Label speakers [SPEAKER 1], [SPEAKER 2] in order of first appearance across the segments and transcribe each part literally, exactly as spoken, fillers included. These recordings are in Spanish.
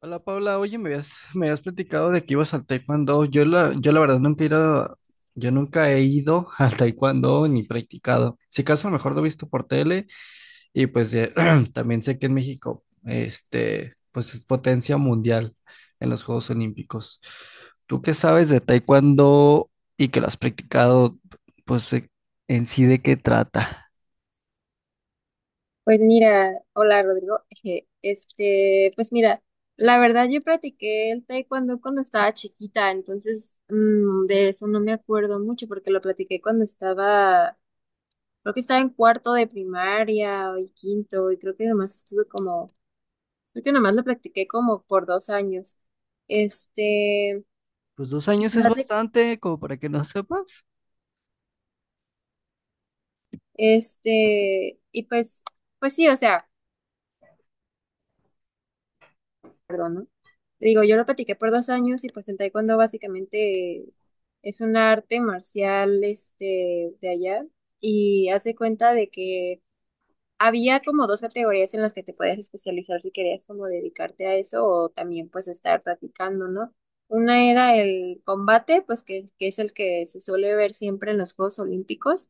[SPEAKER 1] Hola Paula, oye, me habías, me habías platicado de que ibas al taekwondo. Yo la, yo la verdad nunca he ido, yo nunca he ido al taekwondo ni practicado. Si acaso a lo mejor lo he visto por tele y pues eh, también sé que en México, este, pues es potencia mundial en los Juegos Olímpicos. ¿Tú qué sabes de taekwondo y que lo has practicado? Pues eh, en sí de qué trata.
[SPEAKER 2] Pues mira, hola Rodrigo. Eje, Este, pues mira, la verdad yo practiqué el taekwondo cuando estaba chiquita, entonces mm, de eso no me acuerdo mucho porque lo practiqué cuando estaba, creo que estaba en cuarto de primaria o y quinto, y creo que nomás estuve como, creo que nomás lo practiqué como por dos años. Este,
[SPEAKER 1] Pues dos
[SPEAKER 2] y
[SPEAKER 1] años
[SPEAKER 2] pues,
[SPEAKER 1] es
[SPEAKER 2] hace-
[SPEAKER 1] bastante, como para que no sepas.
[SPEAKER 2] este, y pues, pues sí, o sea. Perdón, ¿no? Digo, yo lo practiqué por dos años y pues el taekwondo básicamente es un arte marcial este, de allá y hace cuenta de que había como dos categorías en las que te podías especializar si querías como dedicarte a eso o también pues estar practicando, ¿no? Una era el combate, pues que, que es el que se suele ver siempre en los Juegos Olímpicos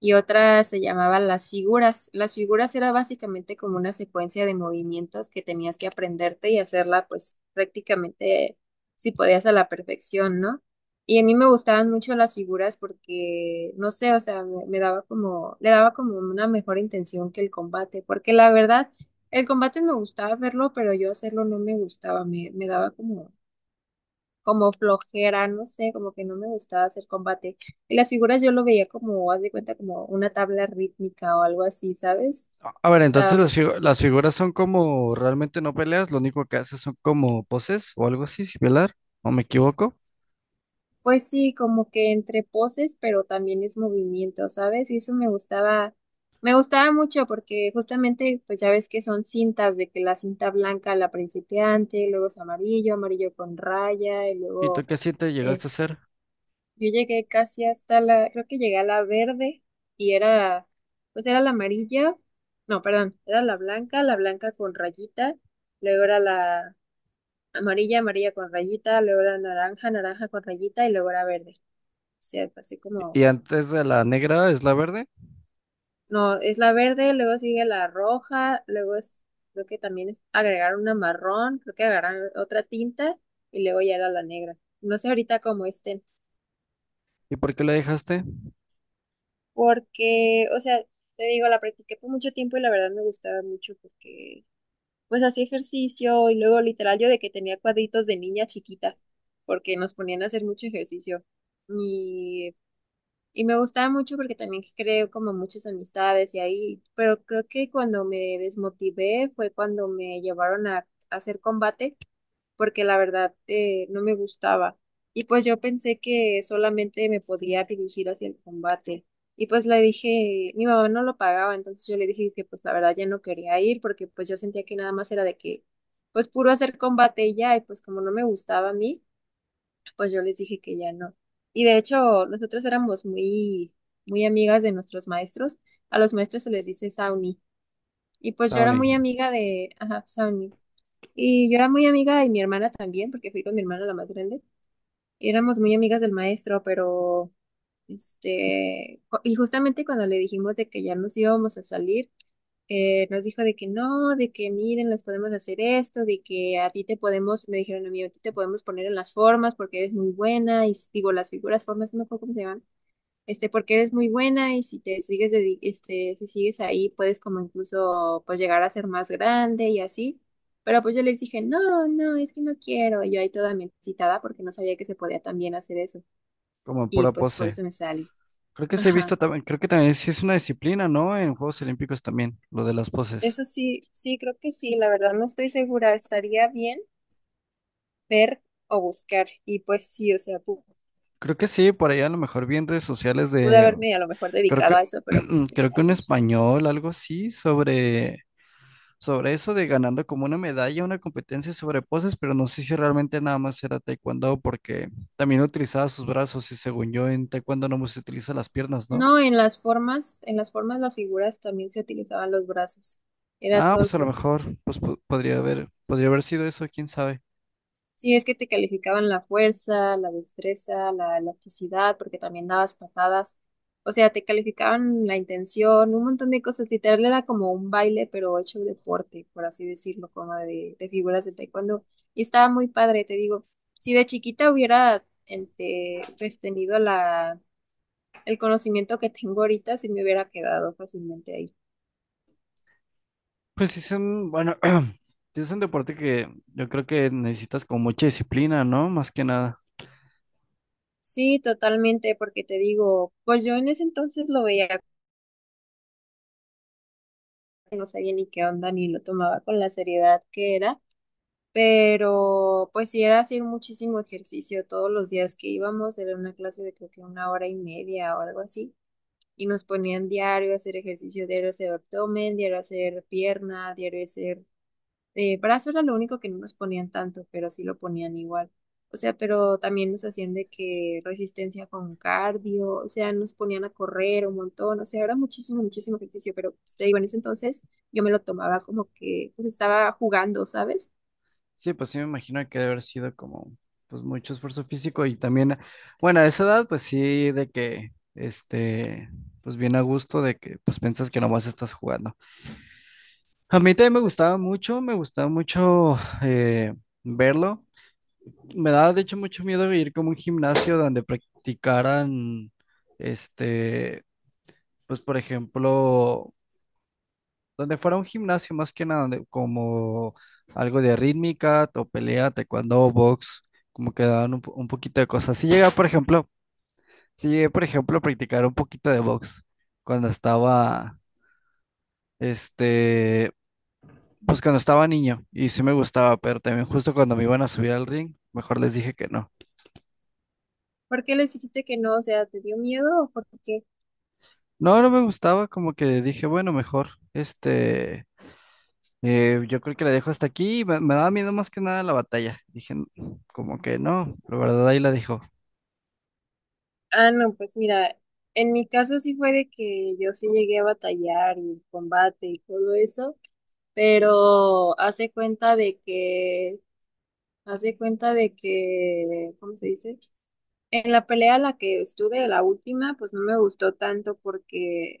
[SPEAKER 2] y otra se llamaba Las figuras. Las figuras era básicamente como una secuencia de movimientos que tenías que aprenderte y hacerla pues prácticamente si podías a la perfección, ¿no? Y a mí me gustaban mucho las figuras porque, no sé, o sea, me, me daba como, le daba como una mejor intención que el combate, porque la verdad, el combate me gustaba verlo, pero yo hacerlo no me gustaba, me, me daba como como flojera, no sé, como que no me gustaba hacer combate. Y las figuras yo lo veía como, haz de cuenta, como una tabla rítmica o algo así, ¿sabes?
[SPEAKER 1] A ver,
[SPEAKER 2] Estaba
[SPEAKER 1] entonces las,
[SPEAKER 2] mejor.
[SPEAKER 1] figu- las figuras son como realmente no peleas, lo único que haces son como poses o algo así similar, o me equivoco.
[SPEAKER 2] Pues sí, como que entre poses, pero también es movimiento, ¿sabes? Y eso me gustaba, me gustaba mucho porque justamente, pues ya ves que son cintas, de que la cinta blanca, la principiante, luego es amarillo, amarillo con raya, y
[SPEAKER 1] ¿Y tú
[SPEAKER 2] luego
[SPEAKER 1] qué siete llegaste a hacer?
[SPEAKER 2] yo llegué casi hasta la, creo que llegué a la verde y era, pues era la amarilla, no, perdón, era la blanca, la blanca con rayita, luego era la amarilla, amarilla con rayita, luego era naranja, naranja con rayita y luego era verde. O sea, pasé como,
[SPEAKER 1] Y antes de la negra es la verde,
[SPEAKER 2] no, es la verde, luego sigue la roja, luego es, creo que también es agregar una marrón, creo que agregar otra tinta y luego ya era la negra. No sé ahorita cómo esté.
[SPEAKER 1] ¿y por qué la dejaste?
[SPEAKER 2] Porque, o sea, te digo, la practiqué por mucho tiempo y la verdad me gustaba mucho porque, pues, hacía ejercicio y luego literal yo de que tenía cuadritos de niña chiquita, porque nos ponían a hacer mucho ejercicio. Y, y me gustaba mucho porque también creo como muchas amistades y ahí, pero creo que cuando me desmotivé fue cuando me llevaron a hacer combate porque la verdad eh, no me gustaba. Y pues yo pensé que solamente me podría dirigir hacia el combate. Y pues le dije, mi mamá no lo pagaba, entonces yo le dije que pues la verdad ya no quería ir porque pues yo sentía que nada más era de que pues puro hacer combate y ya, y pues como no me gustaba a mí, pues yo les dije que ya no. Y de hecho, nosotros éramos muy, muy amigas de nuestros maestros. A los maestros se les dice Sauni. Y pues yo era muy
[SPEAKER 1] Sauni,
[SPEAKER 2] amiga de, ajá, Sauni. Y yo era muy amiga y mi hermana también, porque fui con mi hermana la más grande. Éramos muy amigas del maestro, pero este, cu- y justamente cuando le dijimos de que ya nos íbamos a salir, eh, nos dijo de que no, de que miren, les podemos hacer esto, de que a ti te podemos, me dijeron a mí, a ti te podemos poner en las formas porque eres muy buena, y s- digo, las figuras, formas, no me acuerdo cómo se llaman este, porque eres muy buena y si te sigues, dedi- este, si sigues ahí, puedes como incluso, pues, llegar a ser más grande y así. Pero pues yo les dije, no, no, es que no quiero. Y yo ahí toda me excitada porque no sabía que se podía también hacer eso.
[SPEAKER 1] como en
[SPEAKER 2] Y
[SPEAKER 1] pura
[SPEAKER 2] pues por
[SPEAKER 1] pose.
[SPEAKER 2] eso me sale.
[SPEAKER 1] Creo que sí he visto
[SPEAKER 2] Ajá.
[SPEAKER 1] también, creo que también sí es una disciplina, ¿no? En Juegos Olímpicos también, lo de las poses.
[SPEAKER 2] Eso sí, sí, creo que sí, la verdad no estoy segura. Estaría bien ver o buscar. Y pues sí, o sea, pu-
[SPEAKER 1] Creo que sí, por allá a lo mejor vi en redes sociales
[SPEAKER 2] pude
[SPEAKER 1] de,
[SPEAKER 2] haberme a lo mejor
[SPEAKER 1] creo
[SPEAKER 2] dedicado
[SPEAKER 1] que,
[SPEAKER 2] a eso, pero pues me
[SPEAKER 1] creo que
[SPEAKER 2] salí.
[SPEAKER 1] un español, algo así, sobre sobre eso de ganando como una medalla, una competencia sobre poses, pero no sé si realmente nada más era taekwondo porque también utilizaba sus brazos y según yo en taekwondo no se utiliza las piernas, ¿no?
[SPEAKER 2] No, en las formas, en las formas, las figuras también se utilizaban los brazos. Era
[SPEAKER 1] Ah,
[SPEAKER 2] todo el
[SPEAKER 1] pues a lo
[SPEAKER 2] cuerpo.
[SPEAKER 1] mejor, pues po- podría haber, podría haber sido eso, quién sabe.
[SPEAKER 2] Sí, es que te calificaban la fuerza, la destreza, la elasticidad, porque también dabas patadas. O sea, te calificaban la intención, un montón de cosas. Literal era como un baile, pero hecho deporte, por así decirlo, como de, de figuras de taekwondo. Y estaba muy padre, te digo. Si de chiquita hubiera este, pues, tenido la, el conocimiento que tengo ahorita, sí me hubiera quedado fácilmente ahí.
[SPEAKER 1] Pues sí es un, bueno, sí es un deporte que yo creo que necesitas con mucha disciplina, ¿no? Más que nada.
[SPEAKER 2] Sí, totalmente, porque te digo, pues yo en ese entonces lo veía, no sabía ni qué onda, ni lo tomaba con la seriedad que era, pero pues sí era hacer muchísimo ejercicio todos los días que íbamos, era una clase de creo que una hora y media o algo así, y nos ponían diario a hacer ejercicio, diario a hacer abdomen, diario a hacer pierna, diario a hacer Eh, brazo era lo único que no nos ponían tanto, pero sí lo ponían igual. O sea, pero también nos hacían de que resistencia con cardio, o sea, nos ponían a correr un montón, o sea, era muchísimo, muchísimo ejercicio, pero pues, te digo, en ese entonces yo me lo tomaba como que pues estaba jugando, ¿sabes?
[SPEAKER 1] Sí, pues sí me imagino que debe haber sido como pues mucho esfuerzo físico y también, bueno, a esa edad pues sí de que este pues bien a gusto de que pues piensas que nomás estás jugando. A mí también me gustaba mucho, me gustaba mucho eh, verlo. Me daba de hecho mucho miedo ir como a un gimnasio donde practicaran este pues por ejemplo donde fuera un gimnasio más que nada, donde como algo de rítmica o pelea, taekwondo, box, como que daban un, po- un poquito de cosas. Si llega, por ejemplo, si llegué, por ejemplo, a practicar un poquito de box cuando estaba, este, pues cuando estaba niño y sí me gustaba, pero también justo cuando me iban a subir al ring, mejor les dije que no.
[SPEAKER 2] ¿Por qué les dijiste que no? O sea, ¿te dio miedo o por qué?
[SPEAKER 1] No, no me gustaba, como que dije, bueno, mejor, este, eh, yo creo que la dejo hasta aquí, me, me daba miedo más que nada la batalla. Dije, "N- como que no", la verdad ahí la dejo.
[SPEAKER 2] Ah, no, pues mira, en mi caso sí fue de que yo sí llegué a batallar y combate y todo eso pero hace cuenta de que Hace cuenta de que, ¿cómo se dice? En la pelea en la que estuve, la última, pues no me gustó tanto porque,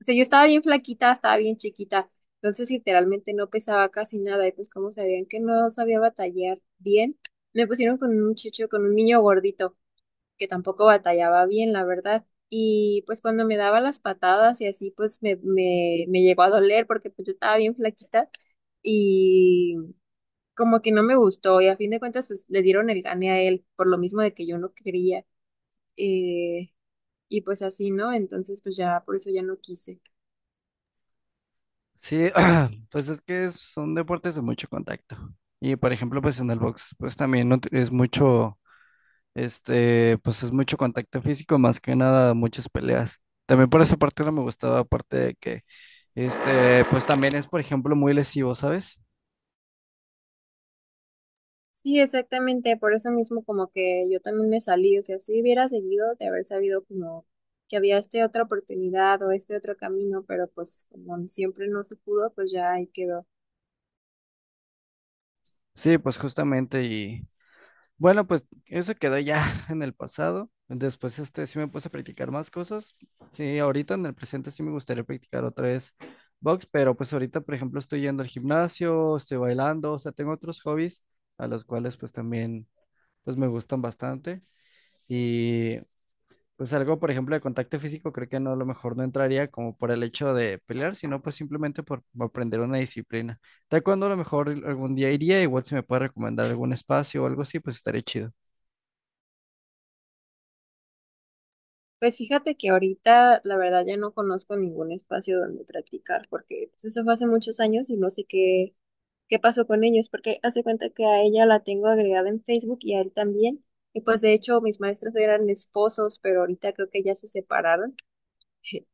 [SPEAKER 2] o sea, yo estaba bien flaquita, estaba bien chiquita, entonces literalmente no pesaba casi nada y pues como sabían que no sabía batallar bien, me pusieron con un muchacho, con un niño gordito que tampoco batallaba bien, la verdad. Y pues cuando me daba las patadas y así, pues me, me, me llegó a doler porque pues yo estaba bien flaquita y como que no me gustó y a fin de cuentas pues le dieron el gane a él por lo mismo de que yo no quería eh, y pues así, ¿no? Entonces pues ya por eso ya no quise.
[SPEAKER 1] Sí, pues es que es- son deportes de mucho contacto. Y por ejemplo, pues en el box, pues también no te- es mucho, este, pues es mucho contacto físico, más que nada muchas peleas. También por esa parte no me gustaba, aparte de que, este, pues también es, por ejemplo, muy lesivo, ¿sabes?
[SPEAKER 2] Sí, exactamente, por eso mismo como que yo también me salí, o sea, si hubiera seguido de haber sabido como que había esta otra oportunidad o este otro camino, pero pues como siempre no se pudo, pues ya ahí quedó.
[SPEAKER 1] Sí, pues justamente bueno, pues eso quedó ya en el pasado. Después este sí me puse a practicar más cosas. Sí, ahorita en el presente sí me gustaría practicar otra vez box, pero pues ahorita, por ejemplo, estoy yendo al gimnasio, estoy bailando, o sea, tengo otros hobbies a los cuales pues también pues me gustan bastante y pues algo, por ejemplo, de contacto físico, creo que no a lo mejor no entraría como por el hecho de pelear, sino pues simplemente por aprender una disciplina. Taekwondo a lo mejor algún día iría, igual si me puede recomendar algún espacio o algo así, pues estaría chido.
[SPEAKER 2] Pues fíjate que ahorita la verdad ya no conozco ningún espacio donde practicar porque pues eso fue hace muchos años y no sé qué qué pasó con ellos, porque hace cuenta que a ella la tengo agregada en Facebook y a él también. Y pues de hecho mis maestros eran esposos, pero ahorita creo que ya se separaron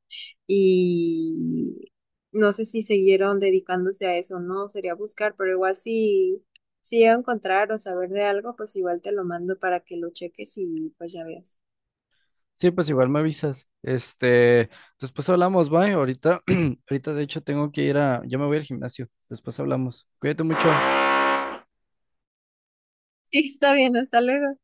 [SPEAKER 2] y no sé si siguieron dedicándose a eso, no, sería buscar, pero igual si, si llego a encontrar o saber de algo, pues igual te lo mando para que lo cheques y pues ya veas.
[SPEAKER 1] Sí, pues igual me avisas. Este, después hablamos, bye. Ahorita, ahorita de hecho tengo que ir a, ya me voy al gimnasio. Después hablamos. Cuídate mucho.
[SPEAKER 2] Sí, está bien, hasta luego.